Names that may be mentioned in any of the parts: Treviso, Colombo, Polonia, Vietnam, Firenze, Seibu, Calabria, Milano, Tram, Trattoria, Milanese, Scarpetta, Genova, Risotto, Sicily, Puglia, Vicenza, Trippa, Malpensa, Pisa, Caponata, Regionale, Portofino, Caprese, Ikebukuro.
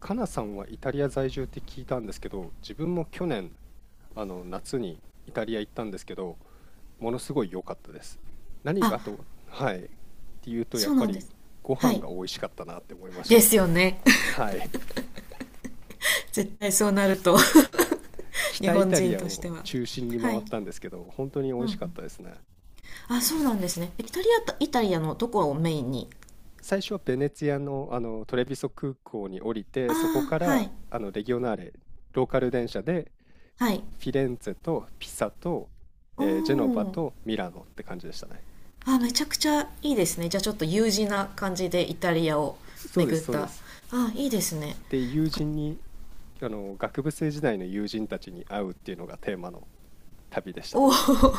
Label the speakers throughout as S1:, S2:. S1: かなさんはイタリア在住って聞いたんですけど、自分も去年、夏にイタリア行ったんですけど、ものすごい良かったです。何
S2: あ、
S1: がと、はい、っていうとやっ
S2: そう
S1: ぱ
S2: なんで
S1: り
S2: す。
S1: ご
S2: は
S1: 飯
S2: い。
S1: が美味しかったなって思いまし
S2: で
S1: た
S2: す
S1: ね。
S2: よね。
S1: はい。
S2: 絶対そうなると 日
S1: 北イ
S2: 本
S1: タリ
S2: 人
S1: ア
S2: として
S1: を
S2: は。
S1: 中心に
S2: は
S1: 回っ
S2: い。
S1: たんですけど、本当に美
S2: うん
S1: 味
S2: う
S1: しかっ
S2: ん。
S1: たですね。
S2: あ、そうなんですね。イタリアと、イタリアのどこをメインに。
S1: 最初はベネツィアの、トレビソ空港に降りて、
S2: あ
S1: そこ
S2: あ、
S1: か
S2: は
S1: ら
S2: い。
S1: レギオナーレ、ローカル電車で
S2: はい。
S1: フィレンツェとピサと、
S2: お
S1: ジェノバ
S2: お。
S1: とミラノって感じでしたね。
S2: あ、めちゃくちゃいいですね。じゃあちょっと U 字な感じでイタリアを
S1: そうで
S2: 巡
S1: す、
S2: っ
S1: そうで
S2: た。
S1: す。
S2: あ、いいですね。
S1: で、友
S2: なんか、
S1: 人に、学部生時代の友人たちに会うっていうのがテーマの旅でした
S2: お
S1: ね。
S2: お。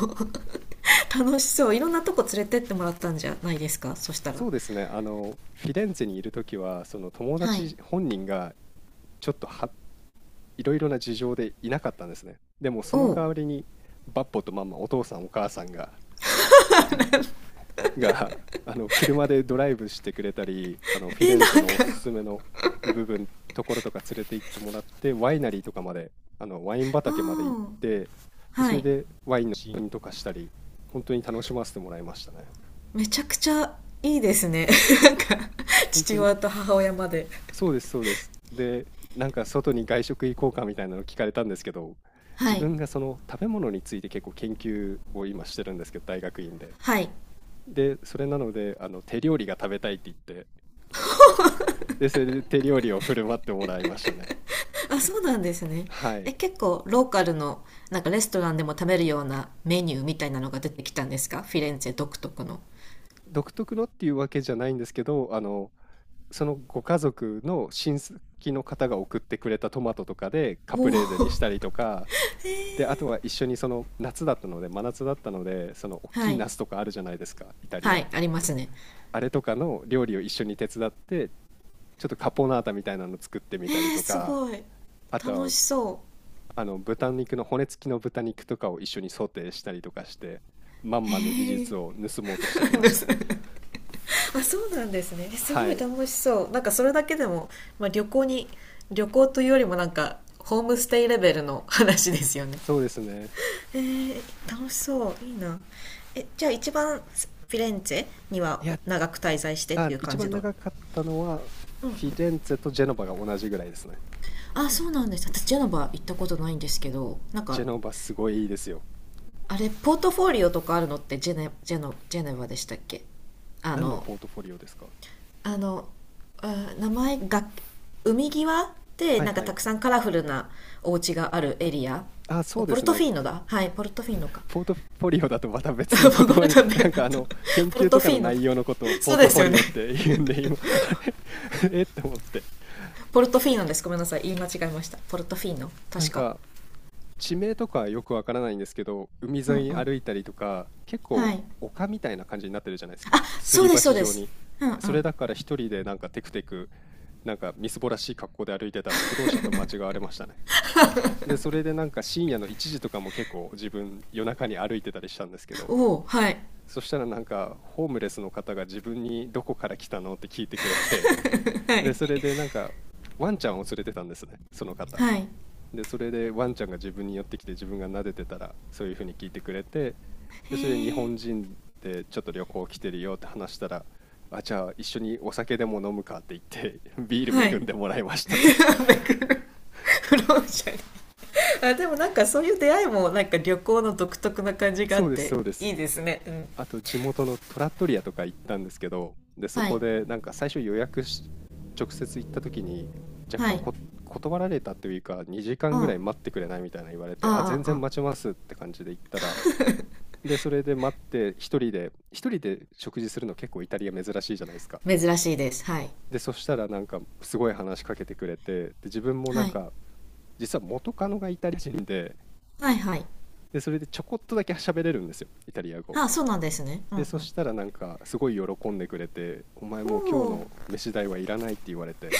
S2: 楽しそう。いろんなとこ連れてってもらったんじゃないですか、そしたら。
S1: そうですね、フィレンツェにいるときは、その友
S2: はい。
S1: 達本人がちょっとはいろいろな事情でいなかったんですね。でもそ
S2: お
S1: の
S2: お。
S1: 代わりに、バッポとママ、お父さんお母さんがが 車でドライブしてくれたり、フィ
S2: え、
S1: レン
S2: な
S1: ツェ
S2: ん
S1: のおす
S2: か、
S1: すめの部分ところとか連れて行ってもらって、ワイナリーとかまで、ワイン畑まで行っ
S2: おお。
S1: て、でそ
S2: は
S1: れ
S2: い。
S1: でワインの試飲とかしたり、本当に楽しませてもらいましたね。
S2: めちゃくちゃいいですね。 なんか、
S1: 本当
S2: 父
S1: に
S2: 親と母親まで。
S1: そそうです、そうです。でなんか外に外食行こうかみたいなの聞かれたんですけど、
S2: は
S1: 自
S2: い
S1: 分がその食べ物について結構研究を今してるんですけど、大学院で
S2: はい。
S1: それなので手料理が食べたいって言って、で、それで手料理を振る舞ってもらいましたね。
S2: あ、そうなんですね。
S1: はい。
S2: え、結構ローカルのなんかレストランでも食べるようなメニューみたいなのが出てきたんですか、フィレンツェ独特の。
S1: 独特のっていうわけじゃないんですけど、そのご家族の親戚の方が送ってくれたトマトとかでカ
S2: お
S1: プ
S2: お。
S1: レーゼにし
S2: は
S1: たりとか、で、あとは一緒にその夏だったので、真夏だったので、その大きい
S2: い
S1: ナスとかあるじゃないですか、イタリ
S2: は
S1: ア。
S2: い、ありますね。
S1: あれとかの料理を一緒に手伝って、ちょっとカポナータみたいなの作ってみ
S2: え
S1: たり
S2: ー、
S1: と
S2: す
S1: か、
S2: ごい
S1: あと
S2: 楽
S1: は
S2: しそう。
S1: 豚肉の骨付きの豚肉とかを一緒にソテーしたりとかして、まんまの技
S2: え
S1: 術を盗もうとしてき
S2: ー
S1: ま
S2: で
S1: した。
S2: す。 あ、そうなんですね。え、す
S1: は
S2: ごい
S1: い、
S2: 楽しそう。なんかそれだけでも、まあ、旅行に、旅行というよりもなんかホームステイレベルの話ですよね。
S1: そうですね。
S2: えー、楽しそう、いいな。え、じゃあ一番フィレンツェに
S1: い
S2: は
S1: や、
S2: 長く滞在してっ
S1: あ、
S2: ていう
S1: 一
S2: 感じ
S1: 番
S2: の。
S1: 長かったのは、
S2: うん。
S1: フィレンツェとジェノバが同じぐらいですね。
S2: あ、そうなんです。私ジェノバ行ったことないんですけど、なん
S1: ジェ
S2: か、
S1: ノバすごいいいですよ。
S2: あれポートフォリオとかあるのって、ジェネ、ジェノ、ジェネバでしたっけ。あ
S1: 何の
S2: の
S1: ポートフォリオですか？
S2: あのあ、名前が、海際で、
S1: はい
S2: なんか
S1: は
S2: た
S1: い。
S2: くさんカラフルなお家があるエリア。
S1: あ、そ
S2: お、
S1: うで
S2: ポル
S1: す
S2: トフ
S1: ね。
S2: ィーノだ。はい、ポルトフィーノか。
S1: ポートフォリオだとまた別の言
S2: ごめん
S1: 葉
S2: な
S1: に、
S2: さい。
S1: なんか研
S2: ポル
S1: 究
S2: ト
S1: と
S2: フ
S1: かの
S2: ィーノだ、
S1: 内容のことをポ
S2: そ
S1: ー
S2: う
S1: ト
S2: で
S1: フ
S2: す
S1: ォ
S2: よ
S1: リ
S2: ね。
S1: オって言うんで、今、あれ えって思って。
S2: ポルトフィーノです、ごめんなさい、言い間違えました。ポルトフィーノ、
S1: なん
S2: 確か。
S1: か、地名とかよくわからないんですけど、海
S2: う
S1: 沿い
S2: ん
S1: に
S2: うん。
S1: 歩いたりとか、結
S2: は
S1: 構
S2: い。
S1: 丘みたいな感じになってるじゃないですか。
S2: あ、
S1: す
S2: そう
S1: り
S2: ですそう
S1: 鉢
S2: で
S1: 状
S2: す。
S1: に。
S2: うんう
S1: そ
S2: ん。
S1: れだから一人でなんかテクテク、なんかみすぼらしい格好で歩いてたら不老者と間違われましたね。で、それでなんか深夜の1時とかも結構自分夜中に歩いてたりしたんですけど、
S2: おお、はい。
S1: そしたらなんかホームレスの方が自分にどこから来たのって聞いてくれて、
S2: は
S1: で、それ
S2: い
S1: でなんかワンちゃんを連れてたんですね、その方。
S2: はい。
S1: で、それでワンちゃんが自分に寄ってきて自分が撫でてたらそういうふうに聞いてくれて、で、それで日
S2: へえ。
S1: 本人でちょっと旅行来てるよって話したら、あ、じゃあ一緒にお酒でも飲むかって言って ビー
S2: は
S1: ル恵
S2: い。
S1: んでもらいました。
S2: フローシャル。あ、でもなんかそういう出会いもなんか旅行の独特な感じ があ
S1: そ
S2: っ
S1: うです、
S2: て
S1: そうで
S2: い
S1: す。
S2: いですね。うん。
S1: あと地元のトラットリアとか行ったんですけど、で、そ
S2: は
S1: こ
S2: い
S1: でなんか最初予約し、直接行った時に
S2: は
S1: 若干
S2: い。
S1: こ断られたというか、2時
S2: う
S1: 間
S2: ん。
S1: ぐら
S2: あ
S1: い待ってくれないみたいな言われて、あ、
S2: あ。
S1: 全然
S2: あ、
S1: 待ちますって感じで行ったら、で、それで待って、一人で食事するの結構イタリア珍しいじゃないですか。
S2: あ珍しいです、はい。
S1: で、そしたらなんかすごい話しかけてくれて、で、自分もなん
S2: はい
S1: か、実は元カノがイタリア人で、
S2: はい。はい。
S1: で、それでちょこっとだけ喋れるんですよ、イタリア語。
S2: あ、そうなんですね。う
S1: で、
S2: んう
S1: そ
S2: ん。
S1: したらなんかすごい喜んでくれて、お前
S2: お
S1: もう今日
S2: お。
S1: の飯代はいらないって言われて、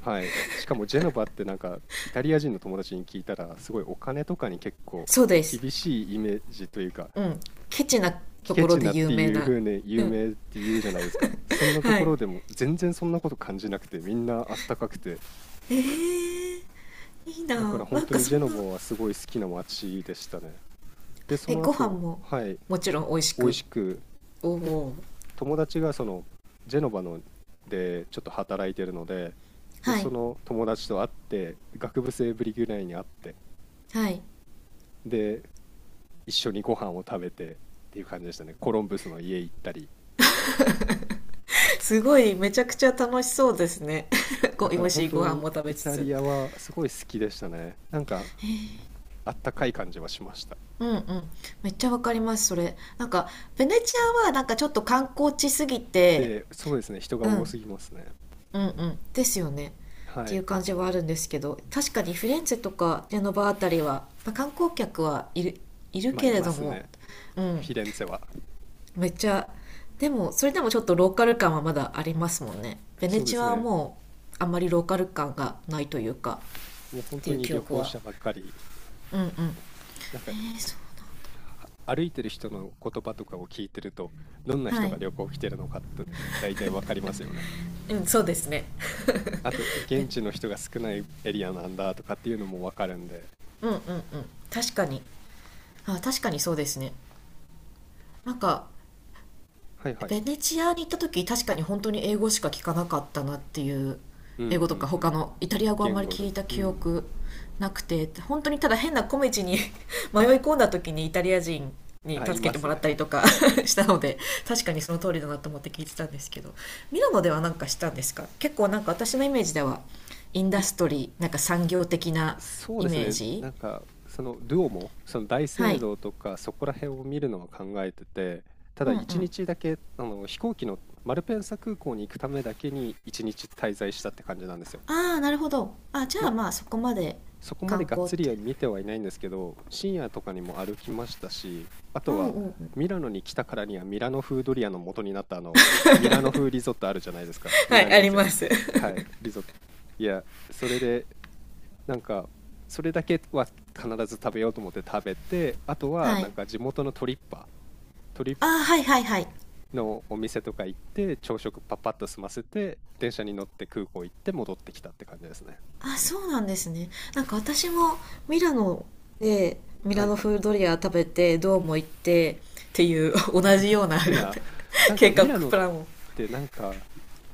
S1: はい。しかもジェノバってなんかイタリア人の友達に聞いたら、すごいお金とかに結構
S2: そうです。
S1: 厳しいイメージというか、
S2: うん、ケチな。と
S1: ケ
S2: ころ
S1: チ
S2: で
S1: なっ
S2: 有
S1: て
S2: 名
S1: いう
S2: な。
S1: 風に
S2: う
S1: 有
S2: ん。
S1: 名って言うじゃないですか。そんなと
S2: は
S1: こ
S2: い。
S1: ろでも全然そんなこと感じなくて、みんなあったかくて、
S2: えー、いい
S1: だか
S2: な。
S1: ら
S2: な
S1: 本
S2: ん
S1: 当
S2: か
S1: にジ
S2: そ
S1: ェ
S2: ん
S1: ノ
S2: な、
S1: バはすごい好きな街でしたね。で、そ
S2: え、
S1: の
S2: ご飯
S1: 後、
S2: も
S1: はい、
S2: もちろん美味し
S1: 美味
S2: く。
S1: しく、
S2: おお、
S1: 友達がそのジェノバのでちょっと働いてるので、で、
S2: は
S1: そ
S2: い。
S1: の友達と会って、学部生ぶりぐらいに会って、
S2: はい。
S1: で、一緒にご飯を食べてっていう感じでしたね。コロンブスの家行ったり。
S2: すごい、めちゃくちゃ楽しそうですね。ご、
S1: だ
S2: 美
S1: から
S2: 味
S1: 本
S2: しい
S1: 当
S2: ご飯
S1: に
S2: も食
S1: イ
S2: べつ
S1: タ
S2: つ。
S1: リアはすごい好きでしたね。なんかあったかい感じはしました。
S2: うんうん。めっちゃわかります、それ。なんか、ベネチアはなんかちょっと観光地すぎて、
S1: で、そうですね、人が
S2: う
S1: 多す
S2: ん、
S1: ぎますね。
S2: うんうん。ですよね。っ
S1: は
S2: ていう
S1: い。
S2: 感じはあるんですけど、確かにフィレンツェとかジェノバあたりは、まあ観光客はいる、いる
S1: まあ、
S2: け
S1: い
S2: れ
S1: ま
S2: ど
S1: す
S2: も、
S1: ね、
S2: う
S1: フ
S2: ん。
S1: ィレンツェは。
S2: めっちゃ、でもそれでもちょっとローカル感はまだありますもんね。ベネ
S1: そうで
S2: チア
S1: す
S2: は
S1: ね、
S2: もう、あんまりローカル感がないというか、
S1: もう本
S2: って
S1: 当
S2: いう
S1: に
S2: 記
S1: 旅
S2: 憶
S1: 行
S2: は。
S1: 者ばっかり、
S2: うんうん。
S1: なんか
S2: えー、そう
S1: は歩いてる人の言葉とかを聞いてると、どんな
S2: な。んは
S1: 人が
S2: い。
S1: 旅行来てるのかって大体わかりますよね。
S2: うん。そうですね。
S1: あと、現地の人が少ないエリアなんだとかっていうのもわかるんで。
S2: うんうんうん。確かに。あ、確かにそうですね。なんか
S1: はいはい。
S2: ベネチアに行った時、確かに本当に英語しか聞かなかったなっていう。
S1: うんう
S2: 英語とか
S1: んう
S2: 他
S1: ん。
S2: のイタリア語あんま
S1: 言
S2: り
S1: 語
S2: 聞
S1: と、
S2: いた
S1: う
S2: 記
S1: ん。
S2: 憶なくて、本当にただ変な小道に 迷い込んだ時にイタリア人に
S1: あ、い
S2: 助け
S1: ま
S2: ても
S1: す
S2: らった
S1: ね。
S2: りとか したので、確かにその通りだなと思って聞いてたんですけど。ミラノではなんかしたんですか。結構なんか私のイメージではインダストリー、なんか産業的な
S1: そう
S2: イ
S1: です
S2: メー
S1: ね。
S2: ジ。
S1: なんか、その、ルオも、その大
S2: は
S1: 聖
S2: い。
S1: 堂とか、そこら辺を見るのは考えてて、た
S2: う
S1: だ
S2: んう
S1: 一
S2: ん。
S1: 日だけ、飛行機のマルペンサ空港に行くためだけに一日滞在したって感じなんですよ。
S2: ああ、なるほど。あ、じゃ
S1: な、
S2: あまあそこまで
S1: そこまで
S2: 観
S1: がっ
S2: 光っ
S1: つり
S2: て。
S1: は見てはいないんですけど、深夜とかにも歩きましたし、あ
S2: う
S1: と
S2: ん
S1: は、
S2: うんうん。
S1: ミラノに来たからにはミラノ風ドリアの元になったミラノ風リゾットあるじゃないですか。ミ
S2: は
S1: ラ
S2: い、あ
S1: ネー
S2: り
S1: ゼ。
S2: ます。
S1: はい、リゾット。いや、それでなんか、それだけは必ず食べようと思って食べて、あとは
S2: は
S1: な
S2: い。
S1: んか地元のトリッパー、トリッ
S2: あ、はいはいはい。
S1: のお店とか行って、朝食パッパッと済ませて、電車に乗って空港行って戻ってきたって感じですね。
S2: あ、そうなんですね。なんか私もミラノで、ミ
S1: は
S2: ラ
S1: い
S2: ノ
S1: はい。
S2: 風ドリア食べて、ドーム行ってっていう 同じような
S1: な、な んか
S2: 計画
S1: ミラノっ
S2: プランを。
S1: てなんか、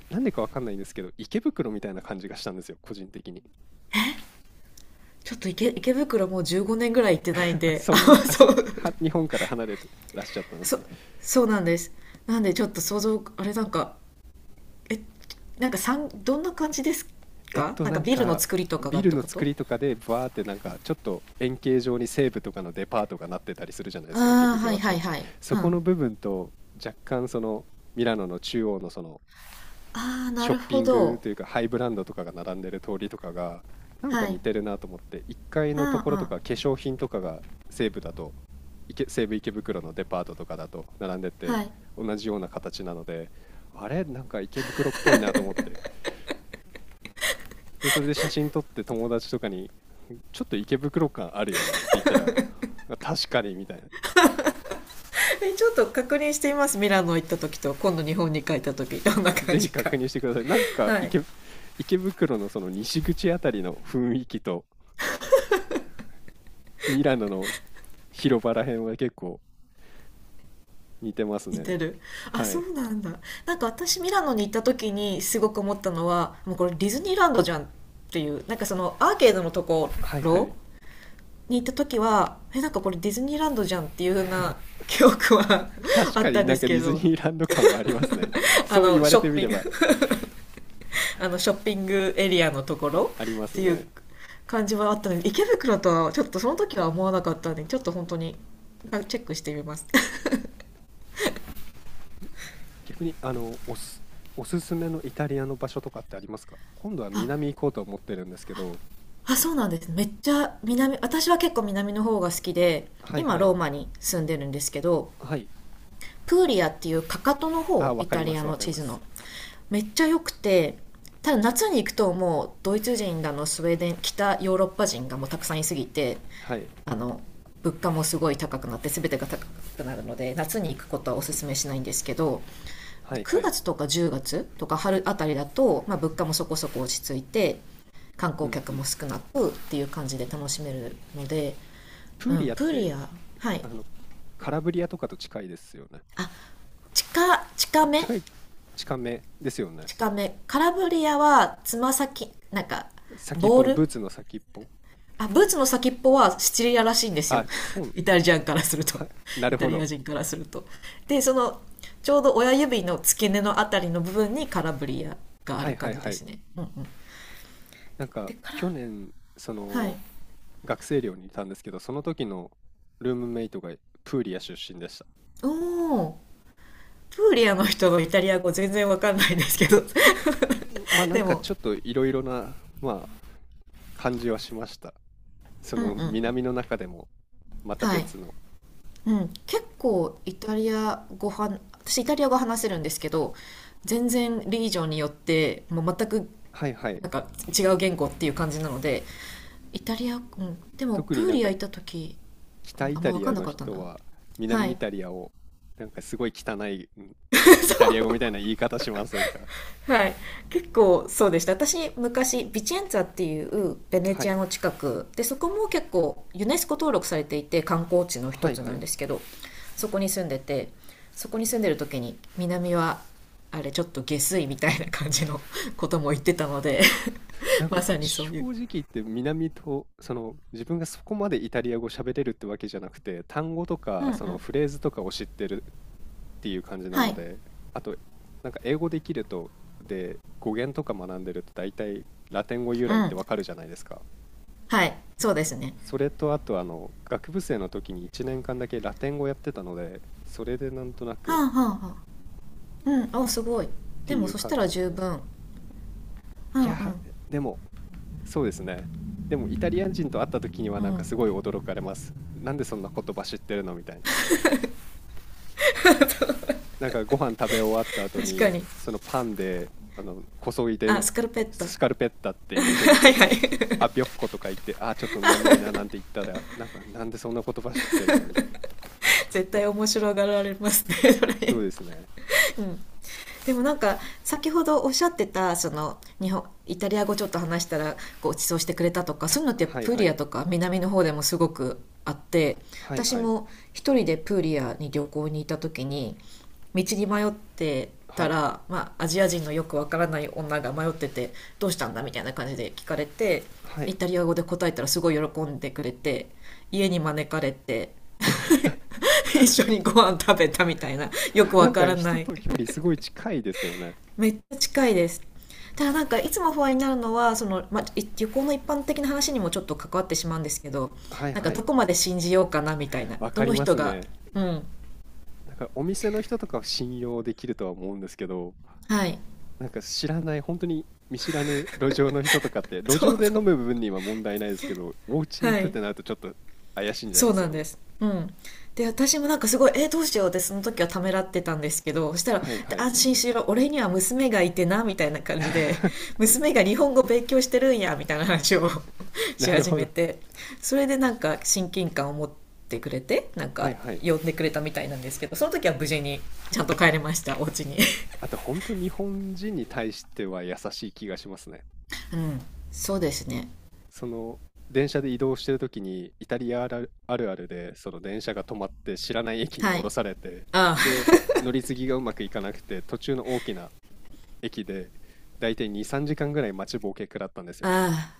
S1: なんでかわかんないんですけど、池袋みたいな感じがしたんですよ、個人的に。
S2: ちょっと池袋もう15年ぐらい行ってないん で、
S1: そ
S2: あ、
S1: んな、あ、
S2: そ
S1: そ、
S2: う、
S1: は、日本から離れてらっしゃったんです
S2: そ、
S1: ね。
S2: そうなんです。なんでちょっと想像、あれなんか、え、なんかさん、どんな感じです
S1: えっ
S2: か、
S1: と、
S2: なん
S1: な
S2: か
S1: ん
S2: ビルの
S1: か、
S2: 作りとかが
S1: ビ
S2: っ
S1: ル
S2: てこ
S1: の作
S2: と。
S1: りとかで、ブワーってなんか、ちょっと円形状に西武とかのデパートがなってたりするじゃないですか、池
S2: ああ、は
S1: 袋
S2: い
S1: っ
S2: は
S1: て。
S2: いはい。う
S1: そ
S2: ん。
S1: こ
S2: あ
S1: の部分と、若干その、ミラノの中央のその、
S2: あ、な
S1: ショッ
S2: る
S1: ピ
S2: ほ
S1: ング
S2: ど。
S1: というか、ハイブランドとかが並んでる通りとかが、なんか
S2: は
S1: 似
S2: い。
S1: てるなと思って、1階
S2: う
S1: の
S2: ん
S1: と
S2: う
S1: ころと
S2: ん。
S1: か、化粧品とかが西武だと、西武池袋のデパートとかだと並んで
S2: は
S1: て、
S2: い。
S1: 同じような形なので、あれ、なんか池袋っぽいなと思って。で、それで写真撮って友達とかにちょっと池袋感あるよねって言ったら、あ確かにみたいな。
S2: え、ちょっと確認してみます、ミラノ行った時と今度日本に帰った時どんな感
S1: ぜひ
S2: じか。
S1: 確認してください。
S2: はい。
S1: 池袋のその西口あたりの雰囲気とミラノの広場ら辺は結構似てます
S2: 似
S1: ね。
S2: てる。あ、
S1: は
S2: そ
S1: い。
S2: うなんだ。なんか私ミラノに行った時にすごく思ったのは、もうこれディズニーランドじゃんっていう、なんかそのアーケードのとこ
S1: はいはい。
S2: ろに行った時は、え、なんかこれディズニーランドじゃんっていう風な記憶は
S1: 確
S2: あっ
S1: か
S2: た
S1: に
S2: んで
S1: なん
S2: す
S1: かデ
S2: け
S1: ィズ
S2: ど、
S1: ニーランド感はありますね。
S2: あ
S1: そう言
S2: の
S1: われ
S2: ショッ
S1: てみ
S2: ピ
S1: れ
S2: ング、
S1: ば
S2: あのショッピングエリアのところ
S1: ありま
S2: っ
S1: す
S2: ていう
S1: ね。
S2: 感じはあったので、池袋とはちょっとその時は思わなかったので、ちょっと本当に、あ、チェックしてみます。
S1: 逆に、おすすめのイタリアの場所とかってありますか？今度は
S2: あ、
S1: 南行こうと思ってるんですけど。
S2: あ、そうなんですね。めっちゃ南、私は結構南の方が好きで、
S1: はい
S2: 今
S1: はい。
S2: ローマに住んでるんですけど、
S1: はい。
S2: プーリアっていう、かかとの
S1: あ、
S2: 方、
S1: わ
S2: イ
S1: かり
S2: タ
S1: ま
S2: リア
S1: すわ
S2: の
S1: かり
S2: 地
S1: ま
S2: 図
S1: す。
S2: の、めっちゃ良くて。ただ夏に行くと、もうドイツ人だのスウェーデン、北ヨーロッパ人がもうたくさんいすぎて、
S1: はい。
S2: あの、物価もすごい高くなって、全てが高くなるので夏に行くことはおすすめしないんですけど、
S1: はいは
S2: 9
S1: い。
S2: 月とか10月とか春あたりだと、まあ、物価もそこそこ落ち着いて、観
S1: う
S2: 光
S1: ん
S2: 客
S1: う
S2: も
S1: ん。
S2: 少なくっていう感じで楽しめるので。
S1: プ
S2: う
S1: ー
S2: ん、
S1: リアっ
S2: プー
S1: て、
S2: リア、はい。
S1: あの、カラブリアとかと近いですよね。
S2: あ、近、近
S1: い
S2: め
S1: 近い、近めですよね。
S2: 近めカラブリアはつま先、なんか
S1: 先っ
S2: ボ
S1: ぽ
S2: ー
S1: の
S2: ル。
S1: ブーツの先っぽ。
S2: あ、ブーツの先っぽはシチリアらしいんですよ。
S1: あ、そ う、
S2: イタリアンからすると。
S1: はい、な
S2: イ
S1: る
S2: タ
S1: ほ
S2: リア
S1: ど。
S2: 人からすると。で、その、ちょうど親指の付け根のあたりの部分にカラブリアがあ
S1: は
S2: る
S1: いは
S2: 感
S1: い
S2: じ
S1: は
S2: です
S1: い。
S2: ね。うんうん。
S1: なんか、
S2: でか
S1: 去
S2: ら、
S1: 年、そ
S2: はい。
S1: の、学生寮にいたんですけど、その時のルームメイトがプーリア出身でした。
S2: おお、プーリアの人のイタリア語全然わかんないんですけど。
S1: まあ な
S2: で
S1: んか
S2: も、
S1: ちょっといろいろな、まあ、感じはしました。そ
S2: うんうんう
S1: の
S2: ん。
S1: 南の中でもまた
S2: はい。
S1: 別の。
S2: うん、結構イタリア語は、私イタリア語話せるんですけど、全然リージョンによってもう全く、
S1: はいはい。
S2: なんか違う言語っていう感じなので、イタリア、うん、でも
S1: 特
S2: プ
S1: に
S2: ー
S1: なん
S2: リ
S1: か
S2: ア行った時、う
S1: 北
S2: ん、
S1: イ
S2: あん
S1: タ
S2: ま分
S1: リ
S2: か
S1: ア
S2: んな
S1: の
S2: かったな。
S1: 人は
S2: は
S1: 南イ
S2: い。
S1: タリアをなんかすごい汚い イ
S2: そ
S1: タリ
S2: う。
S1: ア語みたいな言い方しませんか？
S2: はい。結構そうでした。私、昔、ビチェンツァっていうベ ネ
S1: は
S2: チ
S1: い
S2: アの近くで、そこも結構ユネスコ登録されていて観光地の一
S1: はい
S2: つ
S1: は
S2: なん
S1: い。
S2: ですけど、そこに住んでて、そこに住んでる時に南は、あれちょっと下水みたいな感じの ことも言ってたので
S1: なん
S2: ま
S1: か
S2: さにそ
S1: 正
S2: ういう。
S1: 直言って南と、その、自分がそこまでイタリア語喋れるってわけじゃなくて、単語と
S2: うん
S1: か
S2: う
S1: その
S2: ん。
S1: フレーズとかを知ってるっていう感じな
S2: は
S1: の
S2: い。
S1: で。あとなんか英語できると、で、語源とか学んでると大体ラテン語由
S2: う
S1: 来って
S2: ん。
S1: わかるじゃないですか。
S2: はい。そうですね。
S1: それとあと、あの、学部生の時に1年間だけラテン語やってたので、それでなんとな
S2: はあ
S1: くっ
S2: はあはあ。うん。お、すごい。
S1: て
S2: でも
S1: いう
S2: そした
S1: 感じ
S2: ら
S1: だっ
S2: 十
S1: たんですよ。
S2: 分。う
S1: い
S2: んう
S1: やー、
S2: ん。
S1: ででもそうですね。でもイタリア人と会った時には
S2: う
S1: なん
S2: ん。
S1: かすごい驚かれます。なんでそんな言葉知ってるのみたいな。なんかご飯食べ終わった後
S2: 確か
S1: に
S2: に。
S1: そのパンで、あの、こそい
S2: あ、
S1: で
S2: スカルペッタ。
S1: スカ ルペッタっていう風に言っ
S2: は
S1: た
S2: いは
S1: り、
S2: い。
S1: あびょっことか言って、あーちょっと眠いななんて言ったら、なんかなんでそんな言葉知ってるのみたい
S2: 絶
S1: な。で、
S2: 対面白がられますね、それ。
S1: そうですね。
S2: うん、でもなんか先ほどおっしゃってたその、日本、イタリア語ちょっと話したらごちそうしてくれたとか、そういうのって
S1: はい
S2: プー
S1: は
S2: リア
S1: い。
S2: とか南の方でもすごくあって、
S1: はい
S2: 私
S1: はい。
S2: も一人でプーリアに旅行に行った時に道に迷って
S1: は
S2: た
S1: い。
S2: ら、まあ、アジア人のよくわからない女が迷ってて、「どうしたんだ?」みたいな感じで聞かれて、
S1: は
S2: イ
S1: い。
S2: タリア語で答えたらすごい喜んでくれて、家に招かれて 一緒にご飯食べたみたいな、よく
S1: な
S2: わ
S1: ん
S2: か
S1: か
S2: ら
S1: 人
S2: ない。
S1: との距離すごい近いですよね。
S2: めっちゃ近いです。ただ、なんかいつも不安になるのは旅行の一般的な話にもちょっと関わってしまうんですけど、
S1: はい
S2: なんか
S1: はい。
S2: どこまで信じようかなみたいな、
S1: わ
S2: ど
S1: かり
S2: の
S1: ま
S2: 人
S1: す
S2: が。
S1: ね。
S2: うん。
S1: なんかお店の人とかは信用できるとは思うんですけど、
S2: はい。
S1: なんか知らない、本当に見知らぬ路上の人とかって、路
S2: そ
S1: 上
S2: う
S1: で飲
S2: そ
S1: む分には問題ないですけど、お家
S2: う。
S1: に行
S2: は
S1: くっ
S2: い。
S1: てなるとちょっと怪しんじゃい
S2: そ
S1: ま
S2: う
S1: す
S2: なん
S1: よ
S2: で
S1: ね。
S2: す。うん。で、私もなんかすごい、どうしようってその時はためらってたんですけど、そしたら、
S1: はいはい。
S2: 安心しろ、俺には娘がいてな、みたいな感じで、娘が日本語勉強してるんや、みたいな話を
S1: な
S2: し
S1: る
S2: 始
S1: ほ
S2: め
S1: ど。
S2: て、それでなんか親近感を持ってくれて、なん
S1: は
S2: か
S1: いはい。
S2: 呼んでくれたみたいなんですけど、その時は無事にちゃんと帰れました、お家に。
S1: あと本当日本人に対しては優しい気がしますね。
S2: うん。そうですね。
S1: その、電車で移動してる時にイタリアあるあるあるで、その電車が止まって知らない駅に
S2: は
S1: 降
S2: い。
S1: ろされて、
S2: あ
S1: で、乗り継ぎがうまくいかなくて、途中の大きな駅で大体2、3時間ぐらい待ちぼうけ食らったんですよ。
S2: あ、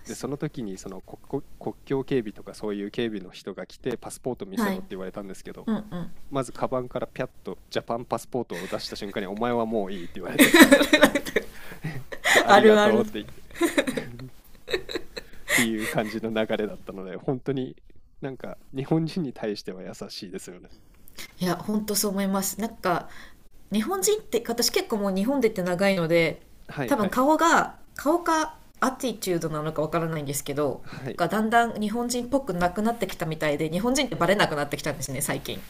S2: あ
S1: でその時にその国境警備とかそういう警備の人が来てパスポート見
S2: あ、
S1: せ
S2: は
S1: ろっ
S2: い。
S1: て言われたんですけど、
S2: うんうん。
S1: まずカバンからピャッとジャパンパスポートを出した瞬間に、お前はもういいって言われて、 であ
S2: あ
S1: りが
S2: るあ
S1: とうっ
S2: る。
S1: て言っっていう感じの流れだったので、本当になんか日本人に対しては優しいですよね。
S2: いや、ほんとそう思います。なんか、日本人って、私結構もう日本でって長いので、
S1: はい
S2: 多
S1: は
S2: 分
S1: い。
S2: 顔かアティチュードなのかわからないんですけど、
S1: はい。
S2: がだんだん日本人っぽくなくなってきたみたいで、日本人ってバレなくなってきたんですね、最近。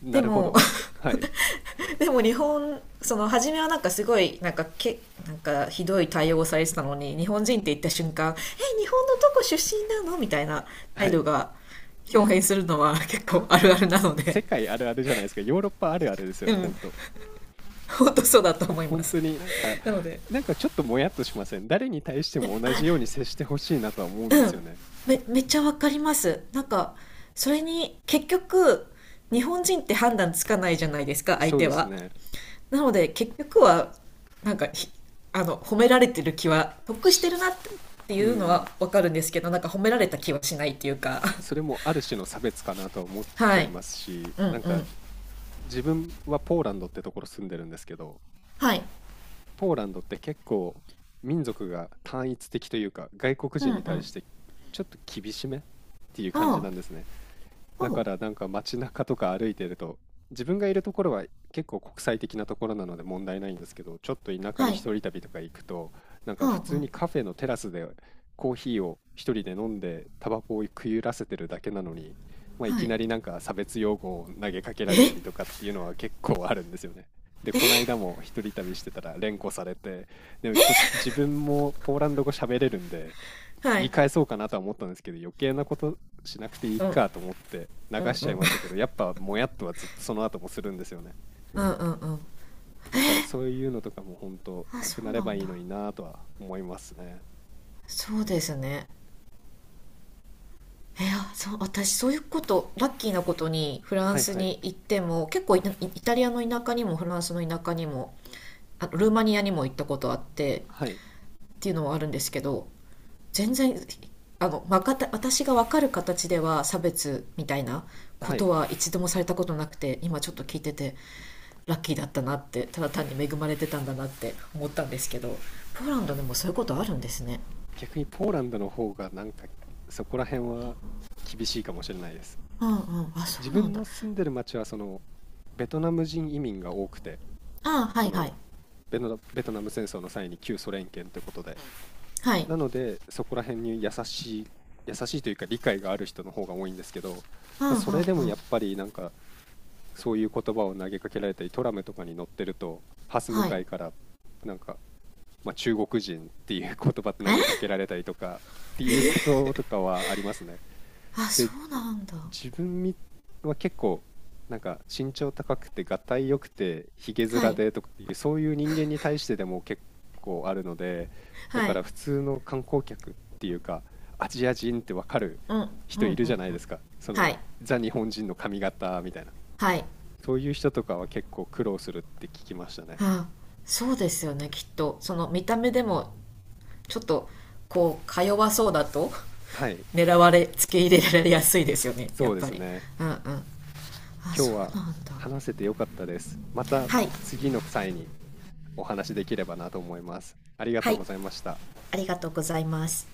S1: な
S2: で
S1: るほ
S2: も、
S1: ど。はい。
S2: でも日本、その初めはなんかすごい、なんかけなんかひどい対応をされてたのに、日本人って言った瞬間「え、日本のどこ出身なの？」みたいな
S1: は
S2: 態度
S1: い。
S2: が表現するのは結構あるあるなので。
S1: 世界あるあるじゃないですか。ヨーロッパあるあるですよ
S2: う
S1: ね、
S2: ん。
S1: 本当。
S2: 本当そうだと思いま
S1: 本
S2: す。
S1: 当になんか、
S2: なので、
S1: なんかちょっともやっとしません？誰に対しても同じように接してほしいなとは思うんですよね。
S2: めっちゃわかります。なんか、それに結局、日本人って判断つかないじゃないですか、相
S1: そう
S2: 手
S1: です
S2: は。
S1: ね。
S2: なので結局は、なんかひあの、褒められてる気は得して
S1: し
S2: るなってい
S1: う
S2: うのは
S1: ん。
S2: わかるんですけど、なんか褒められた気はしないっていうか。
S1: それ もある種の差別かなとは思っち
S2: は
S1: ゃい
S2: い。
S1: ますし、
S2: う
S1: な
S2: ん
S1: ん
S2: う
S1: か
S2: ん。
S1: 自分はポーランドってところ住んでるんですけど、
S2: はい。
S1: ポーランドって結構民族が単一的というか、外国
S2: うんう
S1: 人
S2: ん。
S1: に対
S2: あ
S1: してちょっと厳しめっていう感じ
S2: あ。
S1: なんですね。
S2: お
S1: だ
S2: う。
S1: からなんか街中とか歩いてると、自分がいるところは結構国際的なところなので問題ないんですけど、ちょっと田舎
S2: は
S1: に
S2: い。
S1: 一人旅とか行くと、なんか普
S2: ああ。う
S1: 通
S2: ん。
S1: にカフェのテラスでコーヒーを一人で飲んで、タバコを食い揺らせてるだけなのに、まあ、い
S2: は
S1: き
S2: い。
S1: なりなんか差別用語を投げかけられた
S2: え。
S1: りとかっていうのは結構あるんですよね。で、この間も一人旅してたら連呼されて、で、こ自分もポーランド語喋れるんで、
S2: は
S1: 言
S2: い。
S1: い返そうかなとは思ったんですけど、余計なことしなくていい
S2: うん
S1: かと思って流
S2: うん
S1: し
S2: う
S1: ちゃい
S2: ん。
S1: ましたけど、やっぱもやっとはずっとその後もするんですよね。
S2: うんうんうん。
S1: だからそういうのとかも本当
S2: あ、
S1: な
S2: そ
S1: くな
S2: う
S1: れ
S2: な
S1: ば
S2: ん
S1: いい
S2: だ。
S1: のになぁとは思いますね。
S2: そうですね。いや、そう、私そういうこと、ラッキーなことにフラ
S1: は
S2: ン
S1: い
S2: ス
S1: はい。
S2: に行っても、結構イタリアの田舎にもフランスの田舎にも、あとルーマニアにも行ったことあってっ
S1: はい。
S2: ていうのはあるんですけど、全然、わかった、私がわかる形では差別みたいなこ
S1: は
S2: と
S1: い。
S2: は一度もされたことなくて、今ちょっと聞いてて、ラッキーだったなって、ただ単に恵まれてたんだなって思ったんですけど、ポーラン
S1: あ、
S2: ドでもそういうことあるんですね。
S1: 逆にポーランドの方がなんかそこら辺は厳しいかもしれないです。
S2: うんうん、あ、そ
S1: 自
S2: うなん
S1: 分
S2: だ。
S1: の住んでる町はそのベトナム人移民が多くて、
S2: あ、は
S1: そ
S2: いは
S1: の、
S2: い。
S1: ベトナム戦争の際に旧ソ連圏ということで、
S2: はい。
S1: なので、そこら辺に優しいというか理解がある人の方が多いんですけど、
S2: うんう
S1: まあ、
S2: んう
S1: それ
S2: ん。
S1: でもやっぱりなんか、そういう言葉を投げかけられたり、トラムとかに乗ってると、ハス向
S2: は
S1: か
S2: い。
S1: いから、なんか、まあ、中国人っていう言葉投げか
S2: え。
S1: けられたりとかっていうこととかはありますね。
S2: あ、
S1: で
S2: そうなんだ。
S1: 自分みは結構なんか身長高くてがたいよくてひげ
S2: は
S1: 面
S2: い
S1: でとかっていうそういう人間に対してでも結構あるので、だ
S2: は
S1: か
S2: い。
S1: ら普通の観光客っていうかアジア人ってわかる
S2: うんうんう
S1: 人いるじ
S2: ん。
S1: ゃないですか、そ
S2: は
S1: の
S2: い
S1: ザ日本人の髪型みたいな、
S2: はい。
S1: そういう人とかは結構苦労するって聞きましたね。
S2: あ、そうですよね。きっとその見た目でもちょっとこう、か弱そうだと
S1: はい、
S2: 狙われ、付け入れられやすいですよね、や
S1: そ
S2: っ
S1: うで
S2: ぱ
S1: す
S2: り。
S1: ね。
S2: うんうん。あ、
S1: 今
S2: そ
S1: 日
S2: うな
S1: は
S2: んだ。
S1: 話せてよかったです。また
S2: はい
S1: 次の際にお話しできればなと思います。ありが
S2: は
S1: とう
S2: い。
S1: ございました。
S2: ありがとうございます。